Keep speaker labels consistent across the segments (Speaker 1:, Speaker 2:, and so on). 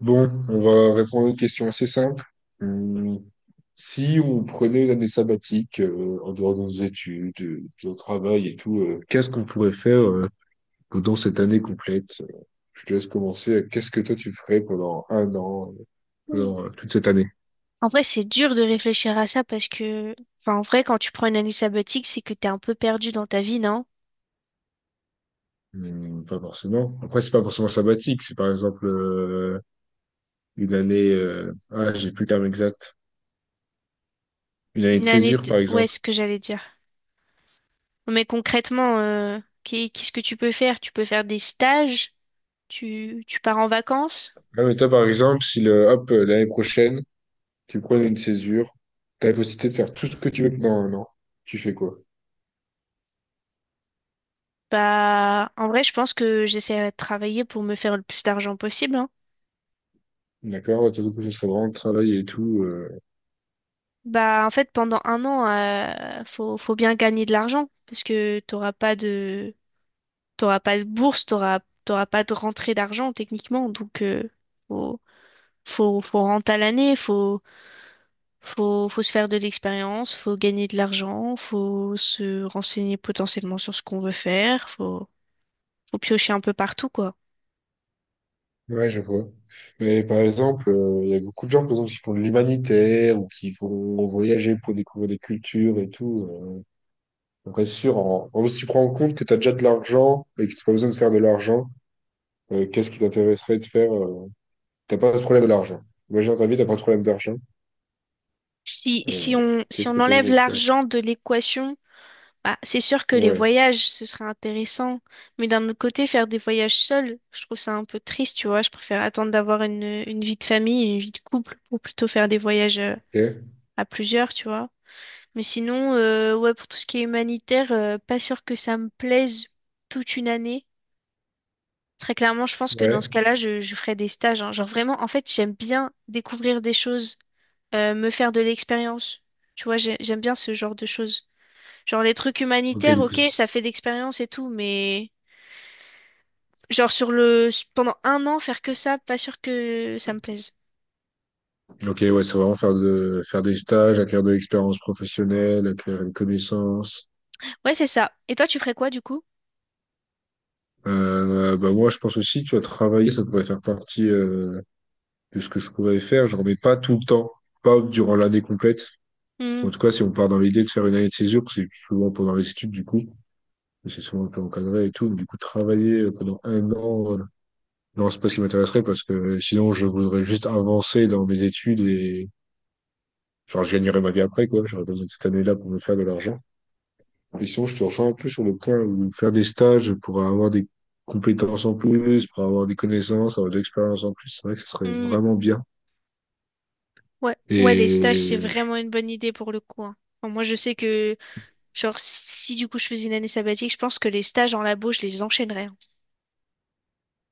Speaker 1: Bon, on va répondre à une question assez simple. Hum, Si on prenait une année sabbatique en dehors de nos études, de notre travail et tout, qu'est-ce qu'on pourrait faire pendant cette année complète? Je te laisse commencer. Qu'est-ce que toi tu ferais pendant un an,
Speaker 2: Mm.
Speaker 1: pendant toute cette année?
Speaker 2: En vrai, c'est dur de réfléchir à ça parce que, enfin, en vrai, quand tu prends une année sabbatique, c'est que t'es un peu perdu dans ta vie, non?
Speaker 1: Pas forcément. Après, c'est pas forcément sabbatique. C'est par exemple une année. Ah, j'ai plus le terme exact. Une année de césure, par
Speaker 2: Ouais,
Speaker 1: exemple.
Speaker 2: c'est ce que j'allais dire. Mais concrètement, qu'est-ce que tu peux faire? Tu peux faire des stages? Tu pars en vacances?
Speaker 1: Ah, mais toi, par exemple, si le, hop, l'année prochaine, tu prends une césure, t'as la possibilité de faire tout ce que tu veux pendant un an. Tu fais quoi?
Speaker 2: Bah, en vrai, je pense que j'essaierai de travailler pour me faire le plus d'argent possible, hein.
Speaker 1: D'accord? Surtout que ce serait vraiment le travail et tout.
Speaker 2: Bah, en fait, pendant un an, faut bien gagner de l'argent parce que t'auras pas de bourse, t'auras pas de rentrée d'argent techniquement. Donc, faut, faut rentrer à l'année, faut se faire de l'expérience, faut gagner de l'argent, faut se renseigner potentiellement sur ce qu'on veut faire, faut piocher un peu partout, quoi.
Speaker 1: Ouais, je vois. Mais par exemple, il y a beaucoup de gens, par exemple, qui font de l'humanitaire ou qui vont voyager pour découvrir des cultures et tout. Après, c'est sûr, si tu prends en compte que t'as déjà de l'argent et que tu pas besoin de faire de l'argent, qu'est-ce qui t'intéresserait de faire? T'as pas ce problème de l'argent. Imagine dans ta vie, t'as pas de problème d'argent.
Speaker 2: Si, si
Speaker 1: Euh,
Speaker 2: on, si
Speaker 1: Qu'est-ce
Speaker 2: on
Speaker 1: que tu
Speaker 2: enlève
Speaker 1: aimerais faire?
Speaker 2: l'argent de l'équation, bah, c'est sûr que les
Speaker 1: Ouais.
Speaker 2: voyages, ce serait intéressant. Mais d'un autre côté, faire des voyages seuls, je trouve ça un peu triste, tu vois. Je préfère attendre d'avoir une vie de famille, une vie de couple, pour plutôt faire des voyages
Speaker 1: Ok.
Speaker 2: à plusieurs, tu vois. Mais sinon, ouais, pour tout ce qui est humanitaire, pas sûr que ça me plaise toute une année. Très clairement, je pense que dans ce
Speaker 1: Ouais.
Speaker 2: cas-là, je ferais des stages. Hein. Genre vraiment, en fait, j'aime bien découvrir des choses, me faire de l'expérience. Tu vois, j'aime bien ce genre de choses. Genre les trucs
Speaker 1: Ok,
Speaker 2: humanitaires,
Speaker 1: du coup.
Speaker 2: ok, ça fait d'expérience et tout, mais genre sur le pendant un an faire que ça, pas sûr que ça me plaise.
Speaker 1: Ok, ouais, c'est vraiment faire de faire des stages, acquérir de l'expérience professionnelle, acquérir une connaissance.
Speaker 2: Ouais, c'est ça. Et toi, tu ferais quoi du coup?
Speaker 1: Bah moi, je pense aussi, tu as travaillé, ça pourrait faire partie de ce que je pourrais faire. Je remets pas tout le temps, pas durant l'année complète.
Speaker 2: Hmm.
Speaker 1: En tout cas, si on part dans l'idée de faire une année de césure, c'est souvent pendant les études du coup, mais c'est souvent un peu encadré et tout. Mais du coup, travailler pendant un an, non, c'est pas ce qui m'intéresserait parce que sinon, je voudrais juste avancer dans mes études et genre, je gagnerais ma vie après quoi. J'aurais besoin de cette année-là pour me faire de l'argent. Et sinon, je te rejoins un peu sur le point où faire des stages pour avoir des compétences en plus, pour avoir des connaissances, avoir de l'expérience en plus, c'est vrai que ce serait
Speaker 2: Hmm.
Speaker 1: vraiment bien.
Speaker 2: Ouais, ouais, les stages, c'est
Speaker 1: Et je-
Speaker 2: vraiment une bonne idée pour le coup. Hein. Enfin, moi, je sais que, genre, si du coup je faisais une année sabbatique, je pense que les stages en labo, je les enchaînerais. Hein.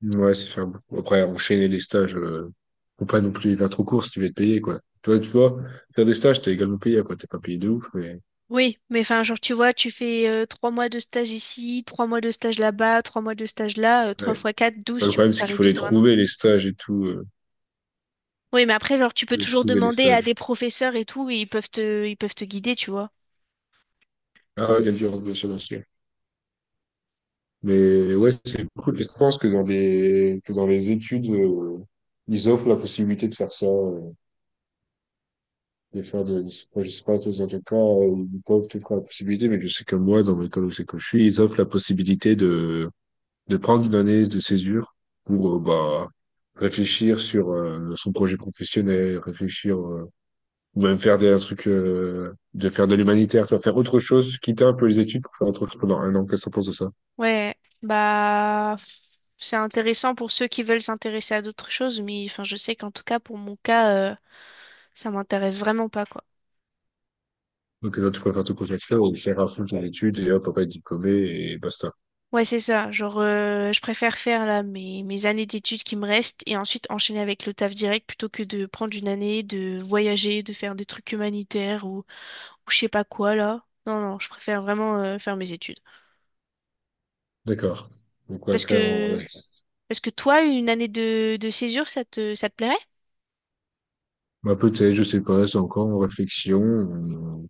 Speaker 1: ouais, c'est faire beaucoup. Après, enchaîner les stages, faut pas non plus les faire trop court si tu veux être payé, quoi. Toi, tu vois, faire des stages, t'es également payé, quoi. T'es pas payé de ouf, mais
Speaker 2: Oui, mais enfin, genre, tu vois, tu fais 3 mois de stage ici, 3 mois de stage là-bas, 3 mois de stage là,
Speaker 1: ouais.
Speaker 2: trois
Speaker 1: Ouais,
Speaker 2: fois quatre, 12,
Speaker 1: le
Speaker 2: tu vois,
Speaker 1: problème, c'est qu'il
Speaker 2: t'arrives
Speaker 1: faut les
Speaker 2: vite à un an.
Speaker 1: trouver, les stages et tout.
Speaker 2: Oui, mais après, genre, tu peux
Speaker 1: Faut les
Speaker 2: toujours
Speaker 1: trouver, les
Speaker 2: demander à des
Speaker 1: stages.
Speaker 2: professeurs et tout, et ils peuvent te guider, tu vois.
Speaker 1: Ah, ouais, il y a du remboursement. Mais ouais, c'est cool. Et je pense que que dans les études, ils offrent la possibilité de faire ça, de faire de, moi, je sais pas, dans quel cas, ils peuvent te faire la possibilité, mais je sais que moi, dans l'école où c'est que je suis, ils offrent la possibilité de prendre une année de césure pour, bah, réfléchir sur, son projet professionnel, réfléchir, ou même un truc de faire de l'humanitaire, tu vas faire autre chose, quitter un peu les études pour faire autre chose pendant un an. Qu'est-ce que tu penses de ça?
Speaker 2: Ouais, bah c'est intéressant pour ceux qui veulent s'intéresser à d'autres choses, mais enfin je sais qu'en tout cas pour mon cas, ça m'intéresse vraiment pas quoi.
Speaker 1: Donc là, tu préfères te concentrer et faire à fond ton étude et hop, papa être diplômé et basta.
Speaker 2: Ouais, c'est ça. Genre je préfère faire là mes années d'études qui me restent et ensuite enchaîner avec le taf direct plutôt que de prendre une année, de voyager, de faire des trucs humanitaires ou je sais pas quoi là. Non, non, je préfère vraiment faire mes études.
Speaker 1: D'accord. Donc, on va
Speaker 2: Parce
Speaker 1: faire en...
Speaker 2: que
Speaker 1: ouais.
Speaker 2: Est-ce que toi, une année de césure, ça te plairait?
Speaker 1: Bah, peut-être, je sais pas, c'est encore en réflexion.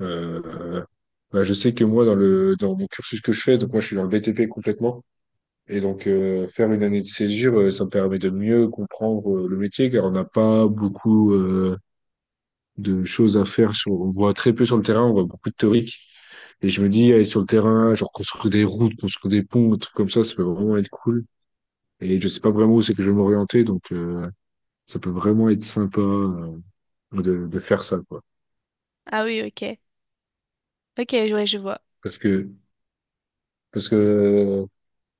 Speaker 1: Euh, bah, je sais que moi, dans mon cursus que je fais, donc moi, je suis dans le BTP complètement. Et donc, faire une année de césure, ça me permet de mieux comprendre le métier, car on n'a pas beaucoup de choses à faire. Sur, on voit très peu sur le terrain, on voit beaucoup de théorique. Et je me dis, aller sur le terrain, genre construire des routes, construire des ponts, des trucs comme ça peut vraiment être cool. Et je sais pas vraiment où c'est que je vais m'orienter, donc ça peut vraiment être sympa de faire ça, quoi.
Speaker 2: Ah oui, ok. Ok, ouais, je vois.
Speaker 1: Parce que parce que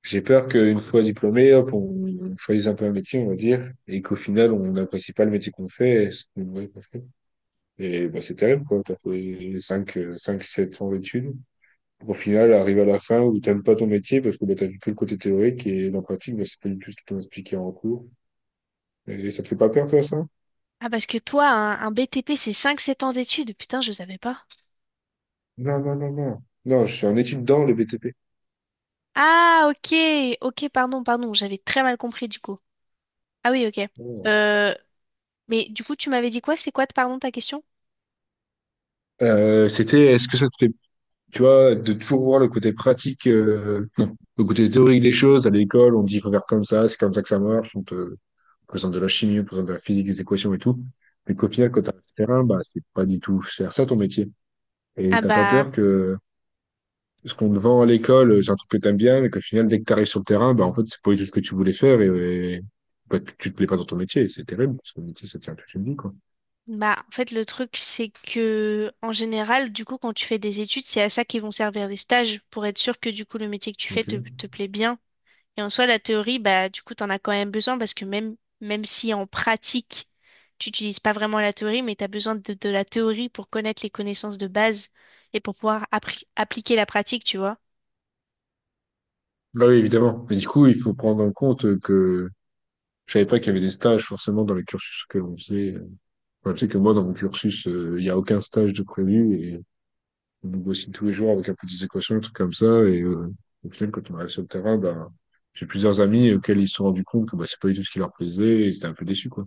Speaker 1: J'ai peur qu'une fois diplômé, hop, on choisisse un peu un métier, on va dire, et qu'au final, on n'apprécie pas le métier qu'on fait et ce qu'on ouais, qu'on fait. Et bah, c'est terrible, quoi. T'as fait 5, 7 ans d'études. Au final, arrive à la fin où t'aimes pas ton métier parce que bah, t'as vu que le côté théorique et dans la pratique, bah, c'est pas du tout ce qu'ils t'ont expliqué en cours. Et ça te fait pas peur, toi, ça?
Speaker 2: Ah, parce que toi, un BTP, c'est cinq sept ans d'études. Putain, je savais pas.
Speaker 1: Non, non, non, non. Non, je suis en études dans le BTP.
Speaker 2: Ah, ok. Ok, pardon, pardon. J'avais très mal compris, du coup. Ah oui, ok.
Speaker 1: Oh.
Speaker 2: Euh, mais du coup, tu m'avais dit quoi? C'est quoi, pardon, ta question?
Speaker 1: C'était, est-ce que ça te fait tu vois, de toujours voir le côté pratique, non, le côté théorique des choses. À l'école, on dit qu'il faut faire comme ça, c'est comme ça que ça marche. On te présente de la chimie, on te présente de la physique, des équations et tout. Mais qu'au final, quand t'as le terrain, bah, c'est pas du tout faire ça ton métier. Et
Speaker 2: Ah
Speaker 1: t'as pas
Speaker 2: bah...
Speaker 1: peur que ce qu'on te vend à l'école, c'est un truc que t'aimes bien, mais qu'au final, dès que t'arrives sur le terrain, bah, en fait, c'est pas du tout ce que tu voulais faire et bah, tu te plais pas dans ton métier. Et c'est terrible, parce que le métier, ça tient toute une vie, quoi.
Speaker 2: Bah, en fait, le truc, c'est que, en général, du coup, quand tu fais des études, c'est à ça qu'ils vont servir les stages, pour être sûr que, du coup, le métier que tu fais te,
Speaker 1: Ok.
Speaker 2: te plaît bien. Et en soi, la théorie, bah, du coup, t'en as quand même besoin, parce que même si en pratique, tu n'utilises pas vraiment la théorie, mais t'as besoin de la théorie pour connaître les connaissances de base et pour pouvoir appliquer la pratique, tu vois.
Speaker 1: Bah oui, évidemment. Mais du coup, il faut prendre en compte que je savais pas qu'il y avait des stages forcément dans les cursus que l'on faisait. Enfin, tu sais que moi, dans mon cursus, il n'y a aucun stage de prévu et on nous bossine tous les jours avec un peu des équations, des trucs comme ça. Et au final, quand on arrive sur le terrain, ben, j'ai plusieurs amis auxquels ils se sont rendus compte que bah, c'est pas du tout ce qui leur plaisait et ils étaient un peu déçus, quoi.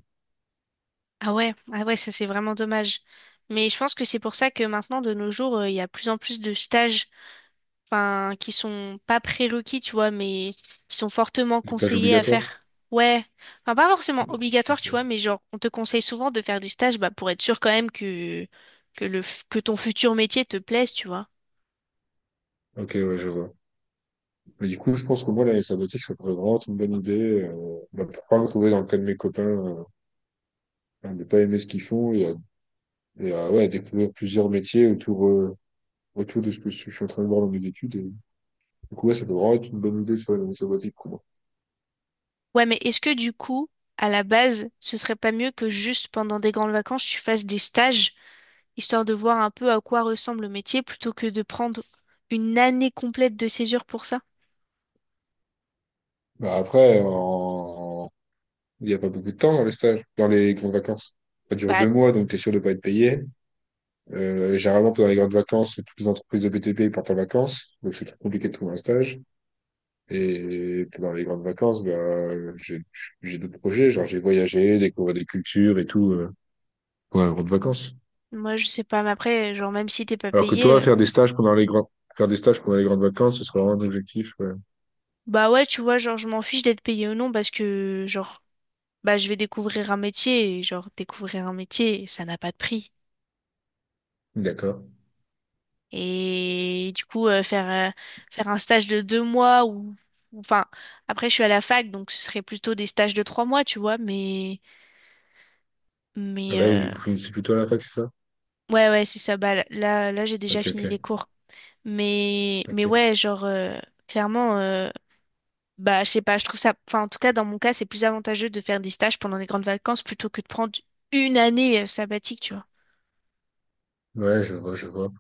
Speaker 2: Ah ouais, ah ouais, ça, c'est vraiment dommage. Mais je pense que c'est pour ça que maintenant, de nos jours, il y a plus en plus de stages enfin, qui sont pas prérequis, tu vois, mais qui sont fortement
Speaker 1: Les tâches
Speaker 2: conseillés à
Speaker 1: obligatoires.
Speaker 2: faire. Ouais, enfin, pas forcément
Speaker 1: Ok,
Speaker 2: obligatoire, tu vois, mais genre, on te conseille souvent de faire des stages, bah, pour être sûr quand même que ton futur métier te plaise, tu vois.
Speaker 1: ok, ouais, je vois. Mais du coup, je pense que moi, l'année sabbatique, ça pourrait vraiment être une bonne idée. Bah, pour pas me trouver dans le cas de mes copains, à ne pas aimer ce qu'ils font et à, ouais, à découvrir plusieurs métiers autour, autour de ce que je suis en train de voir dans mes études. Du coup, ouais, ça peut vraiment être une bonne idée sur les missions basiques pour moi.
Speaker 2: Ouais, mais est-ce que du coup, à la base, ce serait pas mieux que juste pendant des grandes vacances, tu fasses des stages, histoire de voir un peu à quoi ressemble le métier, plutôt que de prendre une année complète de césure pour ça?
Speaker 1: Bah, après, il n'y a pas beaucoup de temps dans les stages, dans les grandes vacances. Ça dure
Speaker 2: Bah,
Speaker 1: deux mois, donc tu es sûr de pas être payé. Généralement, pendant les grandes vacances, toutes les entreprises de BTP partent en vacances, donc c'est très compliqué de trouver un stage. Et pendant les grandes vacances, bah, j'ai j'ai d'autres projets, genre j'ai voyagé, découvert des cultures et tout pendant les grandes vacances.
Speaker 2: moi, je sais pas, mais après, genre, même si t'es pas
Speaker 1: Alors que
Speaker 2: payé,
Speaker 1: toi, faire des stages pendant les grandes Faire des stages pendant les grandes vacances, ce serait vraiment un objectif. Ouais.
Speaker 2: bah ouais, tu vois, genre, je m'en fiche d'être payé ou non parce que, genre, bah, je vais découvrir un métier et, genre, découvrir un métier, ça n'a pas de prix.
Speaker 1: D'accord.
Speaker 2: Et du coup, faire un stage de 2 mois enfin, après, je suis à la fac, donc ce serait plutôt des stages de 3 mois, tu vois,
Speaker 1: Ah
Speaker 2: mais,
Speaker 1: bah oui,
Speaker 2: euh,
Speaker 1: vous finissez plutôt à la fac, c'est ça?
Speaker 2: ouais, ouais, c'est ça, bah, là, j'ai déjà
Speaker 1: Ok, ok.
Speaker 2: fini les cours. Mais
Speaker 1: Ok.
Speaker 2: ouais, genre, clairement, bah, je sais pas, je trouve ça, enfin, en tout cas, dans mon cas, c'est plus avantageux de faire des stages pendant les grandes vacances plutôt que de prendre une année sabbatique, tu vois.
Speaker 1: Ouais, je vois, je vois.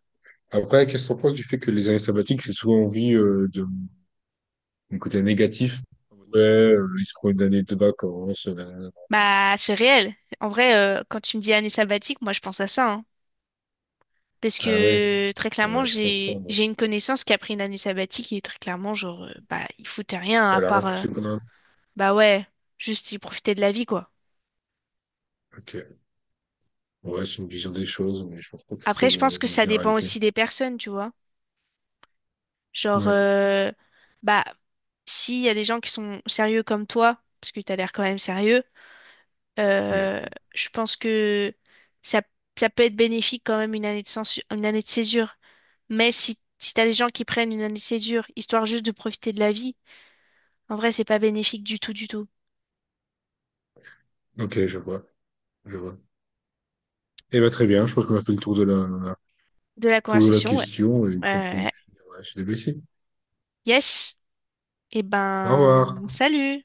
Speaker 1: Après, qu'est-ce qu'on pense du fait que les années sabbatiques, c'est souvent envie de mon côté négatif? Ouais, ils se prend une année de vacances.
Speaker 2: Bah, c'est réel. En vrai, quand tu me dis année sabbatique, moi, je pense à ça, hein. Parce
Speaker 1: Ah ouais?
Speaker 2: que très
Speaker 1: Eh
Speaker 2: clairement,
Speaker 1: ben, je pense pas,
Speaker 2: j'ai
Speaker 1: moi.
Speaker 2: j'ai une connaissance qui a pris une année sabbatique et très clairement, genre, bah, il foutait rien à
Speaker 1: Elle a rien
Speaker 2: part,
Speaker 1: foutu pendant un-
Speaker 2: bah ouais, juste il profitait de la vie, quoi.
Speaker 1: Ok. Ouais, c'est une vision des choses, mais je pense pas que c'est trop
Speaker 2: Après, je pense
Speaker 1: le-
Speaker 2: que
Speaker 1: une
Speaker 2: ça dépend
Speaker 1: généralité.
Speaker 2: aussi des personnes, tu vois. Genre,
Speaker 1: Ouais.
Speaker 2: bah, s'il y a des gens qui sont sérieux comme toi, parce que t'as l'air quand même sérieux,
Speaker 1: Oui.
Speaker 2: Euh, je pense que ça, ça peut être bénéfique quand même une année de césure. Mais si t'as des gens qui prennent une année de césure, histoire juste de profiter de la vie, en vrai, c'est pas bénéfique du tout, du tout.
Speaker 1: Ok, je vois, je vois. Eh ben, très bien, je pense qu'on a fait le tour de
Speaker 2: De la
Speaker 1: tour de la
Speaker 2: conversation, ouais.
Speaker 1: question et qu'on peut... Ouais,
Speaker 2: Euh,
Speaker 1: je suis déblessé.
Speaker 2: yes. Eh
Speaker 1: Au revoir.
Speaker 2: ben, salut!